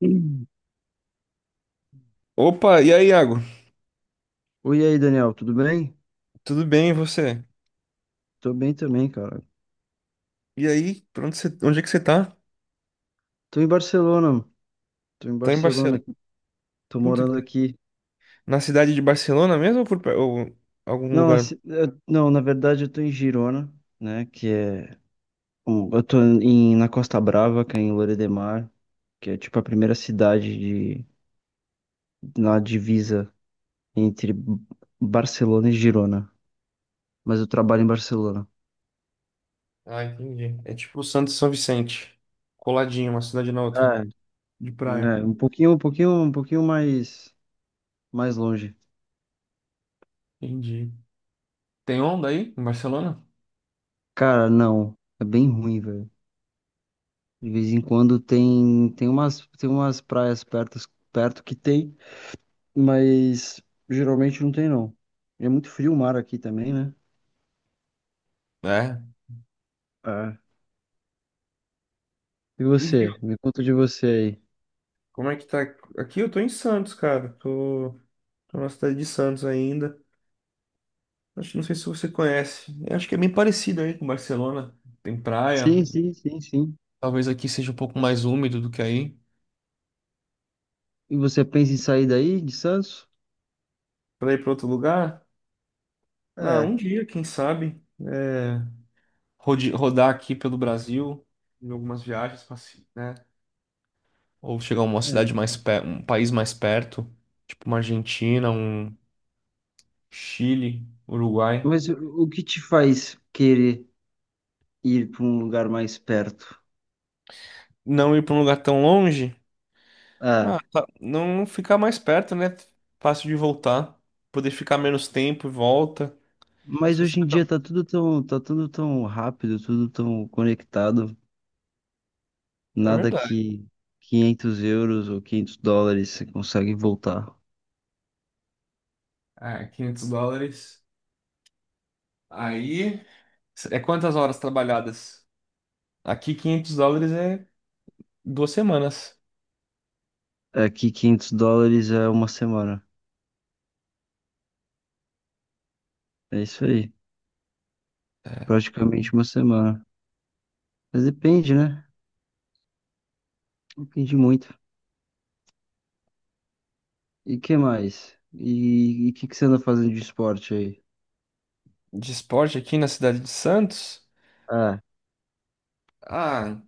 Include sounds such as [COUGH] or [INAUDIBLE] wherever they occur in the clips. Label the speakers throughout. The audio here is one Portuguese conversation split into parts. Speaker 1: Hum.
Speaker 2: Opa, e aí, Iago?
Speaker 1: Oi, e aí, Daniel, tudo bem?
Speaker 2: Tudo bem, e você?
Speaker 1: Tô bem também, cara.
Speaker 2: E aí, onde é que você tá?
Speaker 1: Tô em Barcelona, tô em
Speaker 2: Tá em Barcelona.
Speaker 1: Barcelona, tô
Speaker 2: Puta,
Speaker 1: morando aqui.
Speaker 2: na cidade de Barcelona mesmo ou, ou algum
Speaker 1: Não,
Speaker 2: lugar?
Speaker 1: assim, não, na verdade eu tô em Girona, né, que é... Eu tô na Costa Brava, que é em Lloret de Mar, que é tipo a primeira cidade de, na divisa entre Barcelona e Girona. Mas eu trabalho em Barcelona.
Speaker 2: Ah, entendi. É tipo Santos e São Vicente. Coladinho, uma cidade na outra.
Speaker 1: É,
Speaker 2: De praia.
Speaker 1: né, um pouquinho, um pouquinho, um pouquinho mais longe.
Speaker 2: Entendi. Tem onda aí em Barcelona?
Speaker 1: Cara, não, é bem ruim, velho. De vez em quando tem umas praias perto que tem, mas geralmente não tem não. É muito frio o mar aqui também, né?
Speaker 2: É.
Speaker 1: É. E
Speaker 2: E Rio?
Speaker 1: você? Me conta de você aí.
Speaker 2: Como é que tá? Aqui eu tô em Santos, cara. Tô na cidade de Santos ainda. Acho que não sei se você conhece. Eu acho que é bem parecido aí com Barcelona. Tem praia.
Speaker 1: Sim, sim, sim, sim.
Speaker 2: Talvez aqui seja um pouco mais úmido do que aí.
Speaker 1: E você pensa em sair daí, de Santos?
Speaker 2: Para ir para outro lugar? Ah, um
Speaker 1: É.
Speaker 2: dia, quem sabe? É, rodar aqui pelo Brasil, em algumas viagens, pra né? Ou chegar a uma
Speaker 1: É.
Speaker 2: cidade mais perto, um país mais perto, tipo uma Argentina, um Chile, Uruguai.
Speaker 1: Mas o que te faz querer ir para um lugar mais perto?
Speaker 2: Não ir para um lugar tão longe?
Speaker 1: É.
Speaker 2: Ah, tá. Não ficar mais perto, né? Fácil de voltar. Poder ficar menos tempo e volta. Se
Speaker 1: Mas
Speaker 2: você-
Speaker 1: hoje em dia tá tudo tão rápido, tudo tão conectado.
Speaker 2: É
Speaker 1: Nada
Speaker 2: verdade.
Speaker 1: que €500 ou $500 você consegue voltar.
Speaker 2: É, 500 dólares. Aí. É quantas horas trabalhadas? Aqui, 500 dólares é 2 semanas.
Speaker 1: Aqui quinhentos dólares é uma semana. É isso aí. Praticamente uma semana. Mas depende, né? Depende muito. E que mais? E o que, que você anda fazendo de esporte aí?
Speaker 2: De esporte aqui na cidade de Santos.
Speaker 1: Ah,
Speaker 2: Ah,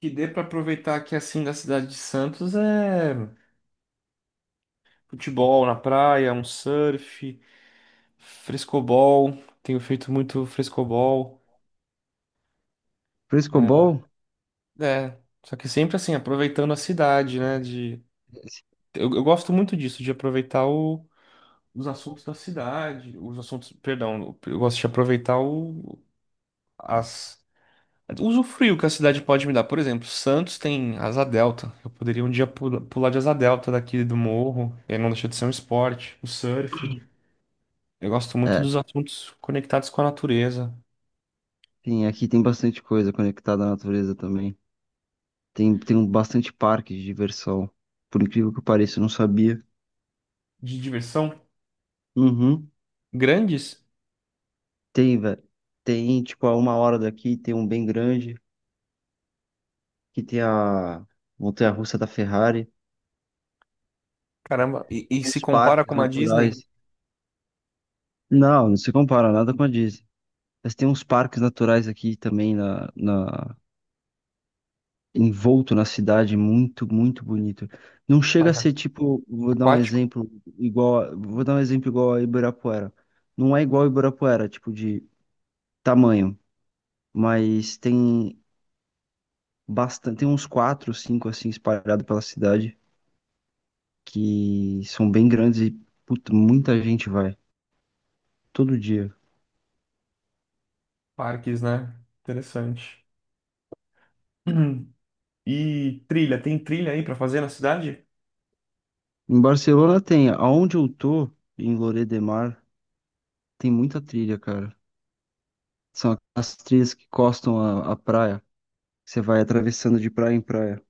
Speaker 2: que dê para aproveitar aqui assim da cidade de Santos é futebol na praia, um surf, frescobol. Tenho feito muito frescobol. É,
Speaker 1: frescobol?
Speaker 2: é, só que sempre assim, aproveitando a cidade, né? De... Eu gosto muito disso, de aproveitar os assuntos da cidade, os assuntos, perdão, eu gosto de aproveitar o, as Usufruir o que a cidade pode me dar. Por exemplo, Santos tem asa delta. Eu poderia um dia pular de asa delta daqui do morro. E aí não deixa de ser um esporte. O surf. Eu gosto muito
Speaker 1: É,
Speaker 2: dos assuntos conectados com a natureza.
Speaker 1: tem, aqui tem bastante coisa conectada à natureza também. Tem um bastante parque de diversão. Por incrível que pareça, eu não sabia.
Speaker 2: De diversão.
Speaker 1: Uhum.
Speaker 2: Grandes.
Speaker 1: Tem, velho. Tem, tipo, a uma hora daqui tem um bem grande, que tem a montanha-russa da Ferrari,
Speaker 2: Caramba. E
Speaker 1: tem
Speaker 2: se
Speaker 1: uns
Speaker 2: compara com
Speaker 1: parques
Speaker 2: uma
Speaker 1: naturais.
Speaker 2: Disney.
Speaker 1: Não, não se compara nada com a Disney. Mas tem uns parques naturais aqui também na envolto na cidade, muito, muito bonito. Não chega a
Speaker 2: Parque
Speaker 1: ser tipo,
Speaker 2: aquático.
Speaker 1: vou dar um exemplo igual a Ibirapuera. Não é igual a Ibirapuera, tipo de tamanho, mas tem bastante, tem uns quatro, cinco assim espalhados pela cidade que são bem grandes e puta, muita gente vai todo dia.
Speaker 2: Parques, né? Interessante. [CLEARS THROAT] Hum. E trilha. Tem trilha aí pra fazer na cidade?
Speaker 1: Em Barcelona tem, aonde eu tô, em Lloret de Mar, tem muita trilha, cara. São as trilhas que costam a praia. Você vai atravessando de praia em praia.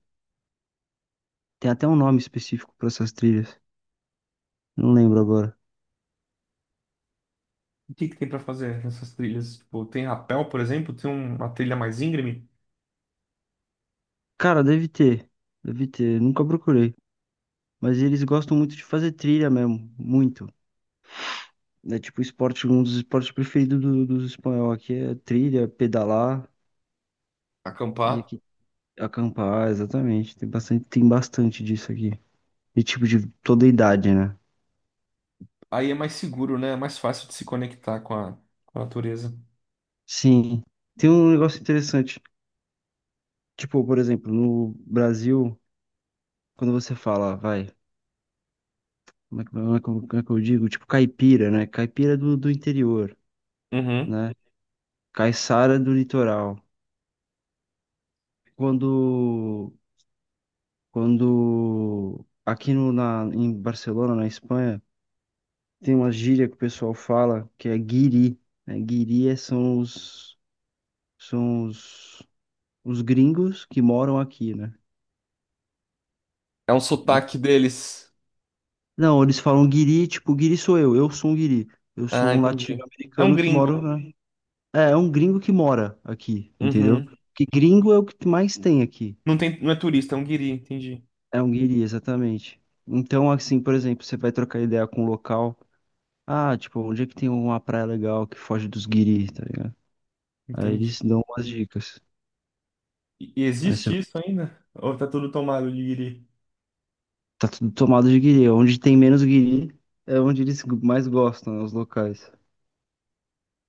Speaker 1: Tem até um nome específico pra essas trilhas. Não lembro agora.
Speaker 2: O que que tem pra fazer nessas trilhas? Tipo, tem rapel, por exemplo? Tem uma trilha mais íngreme?
Speaker 1: Cara, deve ter. Deve ter. Nunca procurei. Mas eles gostam muito de fazer trilha mesmo. Muito. É tipo esporte, um dos esportes preferidos dos espanhol aqui é trilha, pedalar e
Speaker 2: Acampar.
Speaker 1: aqui acampar, exatamente. Tem bastante disso aqui. E tipo de toda idade, né?
Speaker 2: Aí é mais seguro, né? É mais fácil de se conectar com a natureza.
Speaker 1: Sim, tem um negócio interessante. Tipo, por exemplo, no Brasil, quando você fala, vai, como é que eu digo? Tipo, caipira, né? Caipira do interior,
Speaker 2: Uhum.
Speaker 1: né? Caiçara do litoral. Quando, quando aqui no, na, em Barcelona, na Espanha, tem uma gíria que o pessoal fala que é guiri, né? Guiri é- são os, gringos que moram aqui, né?
Speaker 2: É um sotaque deles.
Speaker 1: Não, eles falam guiri, tipo, guiri sou eu sou um guiri. Eu
Speaker 2: Ah,
Speaker 1: sou um
Speaker 2: entendi. É um
Speaker 1: latino-americano que moro,
Speaker 2: gringo.
Speaker 1: né? É um gringo que mora aqui, entendeu?
Speaker 2: Uhum.
Speaker 1: Porque gringo é o que mais tem aqui.
Speaker 2: Não tem, não é turista, é um guiri. Entendi.
Speaker 1: É um guiri, exatamente. Então, assim, por exemplo, você vai trocar ideia com um local. Ah, tipo, onde é que tem uma praia legal que foge dos guiri, tá ligado? Aí eles
Speaker 2: Entendi.
Speaker 1: dão umas dicas.
Speaker 2: E
Speaker 1: Aí você
Speaker 2: existe isso ainda? Ou tá tudo tomado de guiri?
Speaker 1: tá tudo tomado de guiri. Onde tem menos guiri é onde eles mais gostam, né, os locais.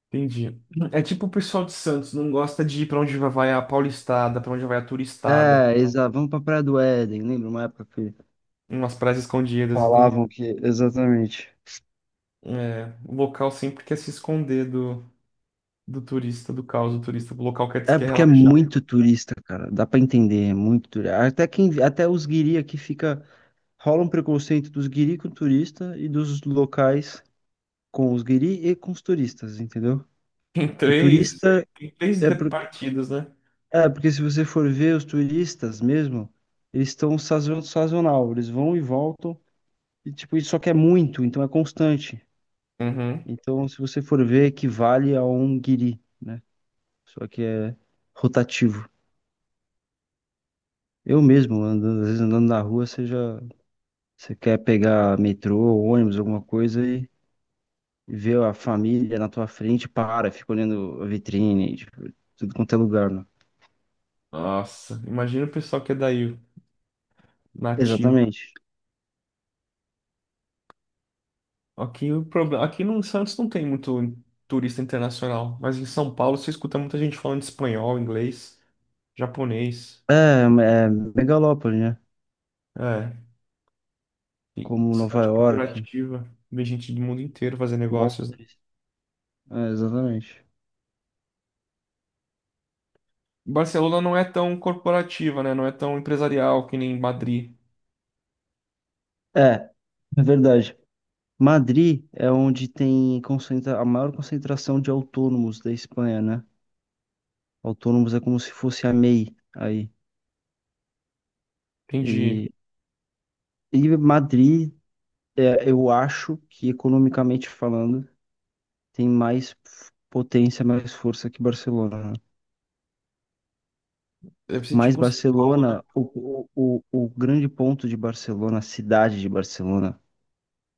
Speaker 2: Entendi. É tipo o pessoal de Santos, não gosta de ir pra onde vai a paulistada, pra onde vai a turistada.
Speaker 1: É, exato. Vamos pra Praia do Éden. Lembra uma época que
Speaker 2: Umas praias escondidas, entende?
Speaker 1: falavam que, exatamente.
Speaker 2: É, o local sempre quer se esconder do turista, do caos, do turista. O local quer,
Speaker 1: É
Speaker 2: quer
Speaker 1: porque é
Speaker 2: relaxar.
Speaker 1: muito turista, cara. Dá pra entender, é muito turista. Até os guiri aqui fica, rola um preconceito dos guiri com turista e dos locais com os guiri e com os turistas, entendeu?
Speaker 2: Em
Speaker 1: Porque
Speaker 2: três,
Speaker 1: turista
Speaker 2: em três
Speaker 1: é
Speaker 2: de-
Speaker 1: porque,
Speaker 2: partidas, né?
Speaker 1: é porque se você for ver os turistas mesmo, eles estão sazonal, eles vão e voltam e tipo, isso só que é muito, então é constante.
Speaker 2: Uhum.
Speaker 1: Então, se você for ver, equivale a um guiri, né? Só que é rotativo. Eu mesmo, às vezes andando na rua, você quer pegar metrô, ônibus, alguma coisa e vê a família na tua frente, para, fica olhando a vitrine, tipo, tudo quanto é lugar, né?
Speaker 2: Nossa, imagina o pessoal que é daí, nativo.
Speaker 1: Exatamente.
Speaker 2: Aqui, o problema, aqui no Santos não tem muito turista internacional, mas em São Paulo você escuta muita gente falando espanhol, inglês, japonês.
Speaker 1: É, é megalópole, né?
Speaker 2: É,
Speaker 1: Como Nova
Speaker 2: cidade
Speaker 1: York,
Speaker 2: corporativa, vem gente do mundo inteiro fazer negócios, né?
Speaker 1: Londres. É, exatamente.
Speaker 2: Barcelona não é tão corporativa, né? Não é tão empresarial que nem Madrid.
Speaker 1: É, é verdade. Madrid é onde tem concentra a maior concentração de autônomos da Espanha, né? Autônomos é como se fosse a MEI aí.
Speaker 2: Entendi.
Speaker 1: E, e Madrid é, eu acho que, economicamente falando, tem mais potência, mais força que Barcelona, né?
Speaker 2: Deve ser
Speaker 1: Mas
Speaker 2: tipo um São Paulo, né?
Speaker 1: Barcelona, o grande ponto de Barcelona, a cidade de Barcelona,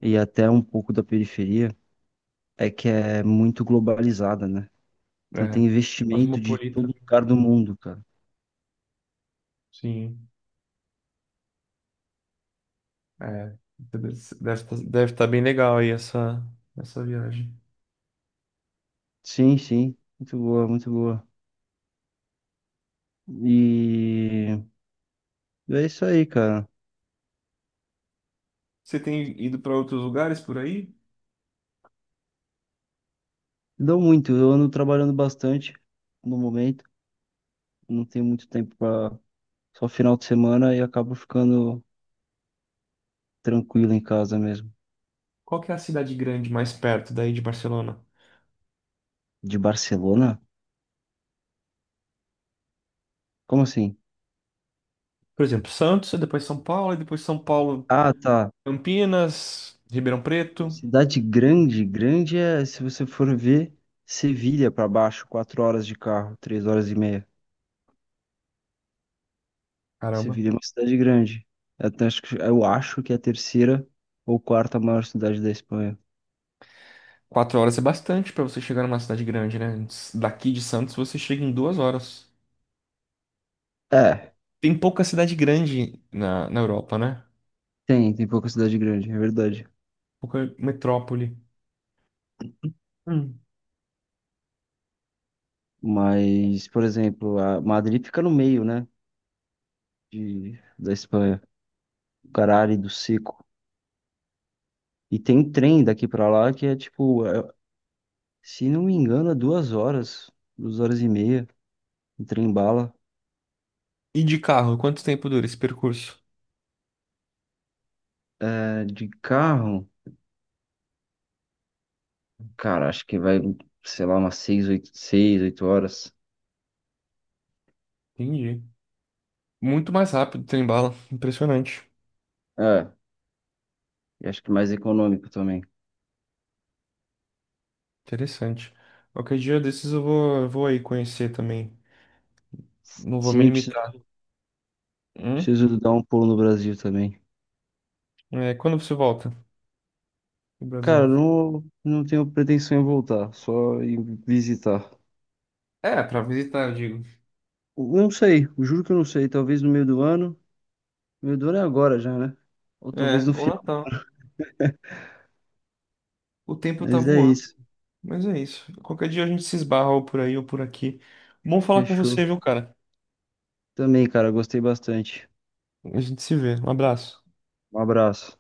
Speaker 1: e até um pouco da periferia, é que é muito globalizada, né? Então
Speaker 2: É,
Speaker 1: tem investimento de
Speaker 2: cosmopolita.
Speaker 1: todo lugar do mundo, cara.
Speaker 2: Sim. É, deve estar bem legal aí essa viagem.
Speaker 1: Sim, sim. Muito boa, muito boa. E é isso aí, cara.
Speaker 2: Você tem ido para outros lugares por aí?
Speaker 1: Dou muito. Eu ando trabalhando bastante no momento. Não tenho muito tempo. Só final de semana e acabo ficando tranquilo em casa mesmo.
Speaker 2: Qual que é a cidade grande mais perto daí de Barcelona?
Speaker 1: De Barcelona? Como assim?
Speaker 2: Por exemplo, Santos, e depois São Paulo,
Speaker 1: Ah, tá.
Speaker 2: Campinas, Ribeirão Preto.
Speaker 1: Cidade grande, grande é, se você for ver, Sevilha pra baixo, 4 horas de carro, 3 horas e meia.
Speaker 2: Caramba.
Speaker 1: Sevilha é uma cidade grande. Eu acho que é a terceira ou quarta maior cidade da Espanha.
Speaker 2: 4 horas é bastante para você chegar numa cidade grande, né? Daqui de Santos você chega em 2 horas.
Speaker 1: É,
Speaker 2: Tem pouca cidade grande na Europa, né?
Speaker 1: tem pouca cidade grande, é verdade.
Speaker 2: Pouca metrópole. Hum.
Speaker 1: Mas, por exemplo, a Madrid fica no meio, né, da Espanha. Caralho do Seco. E tem trem daqui pra lá que é tipo, se não me engano, é 2 horas, 2 horas e meia, um trem bala.
Speaker 2: E de carro, quanto tempo dura esse percurso?
Speaker 1: É, de carro, cara, acho que vai, sei lá, umas seis, oito, seis, oito horas.
Speaker 2: Entendi. Muito mais rápido trem-bala. Impressionante.
Speaker 1: É, e acho que mais econômico também.
Speaker 2: Interessante. Qualquer dia desses eu vou aí conhecer também. Não vou me
Speaker 1: Sim,
Speaker 2: limitar. Hum?
Speaker 1: preciso dar um pulo no Brasil também.
Speaker 2: É, quando você volta pro
Speaker 1: Cara,
Speaker 2: Brasil?
Speaker 1: não, não tenho pretensão em voltar, só em visitar.
Speaker 2: É, pra visitar, eu digo.
Speaker 1: Não sei, juro que eu não sei. Talvez no meio do ano. No meio do ano é agora já, né? Ou talvez
Speaker 2: É,
Speaker 1: no
Speaker 2: ou
Speaker 1: final.
Speaker 2: Natal. O tempo tá
Speaker 1: Mas é
Speaker 2: voando,
Speaker 1: isso.
Speaker 2: mas é isso. Qualquer dia a gente se esbarra ou por aí ou por aqui. Bom falar com você,
Speaker 1: Fechou.
Speaker 2: viu, cara?
Speaker 1: Também, cara, gostei bastante.
Speaker 2: A gente se vê. Um abraço.
Speaker 1: Um abraço.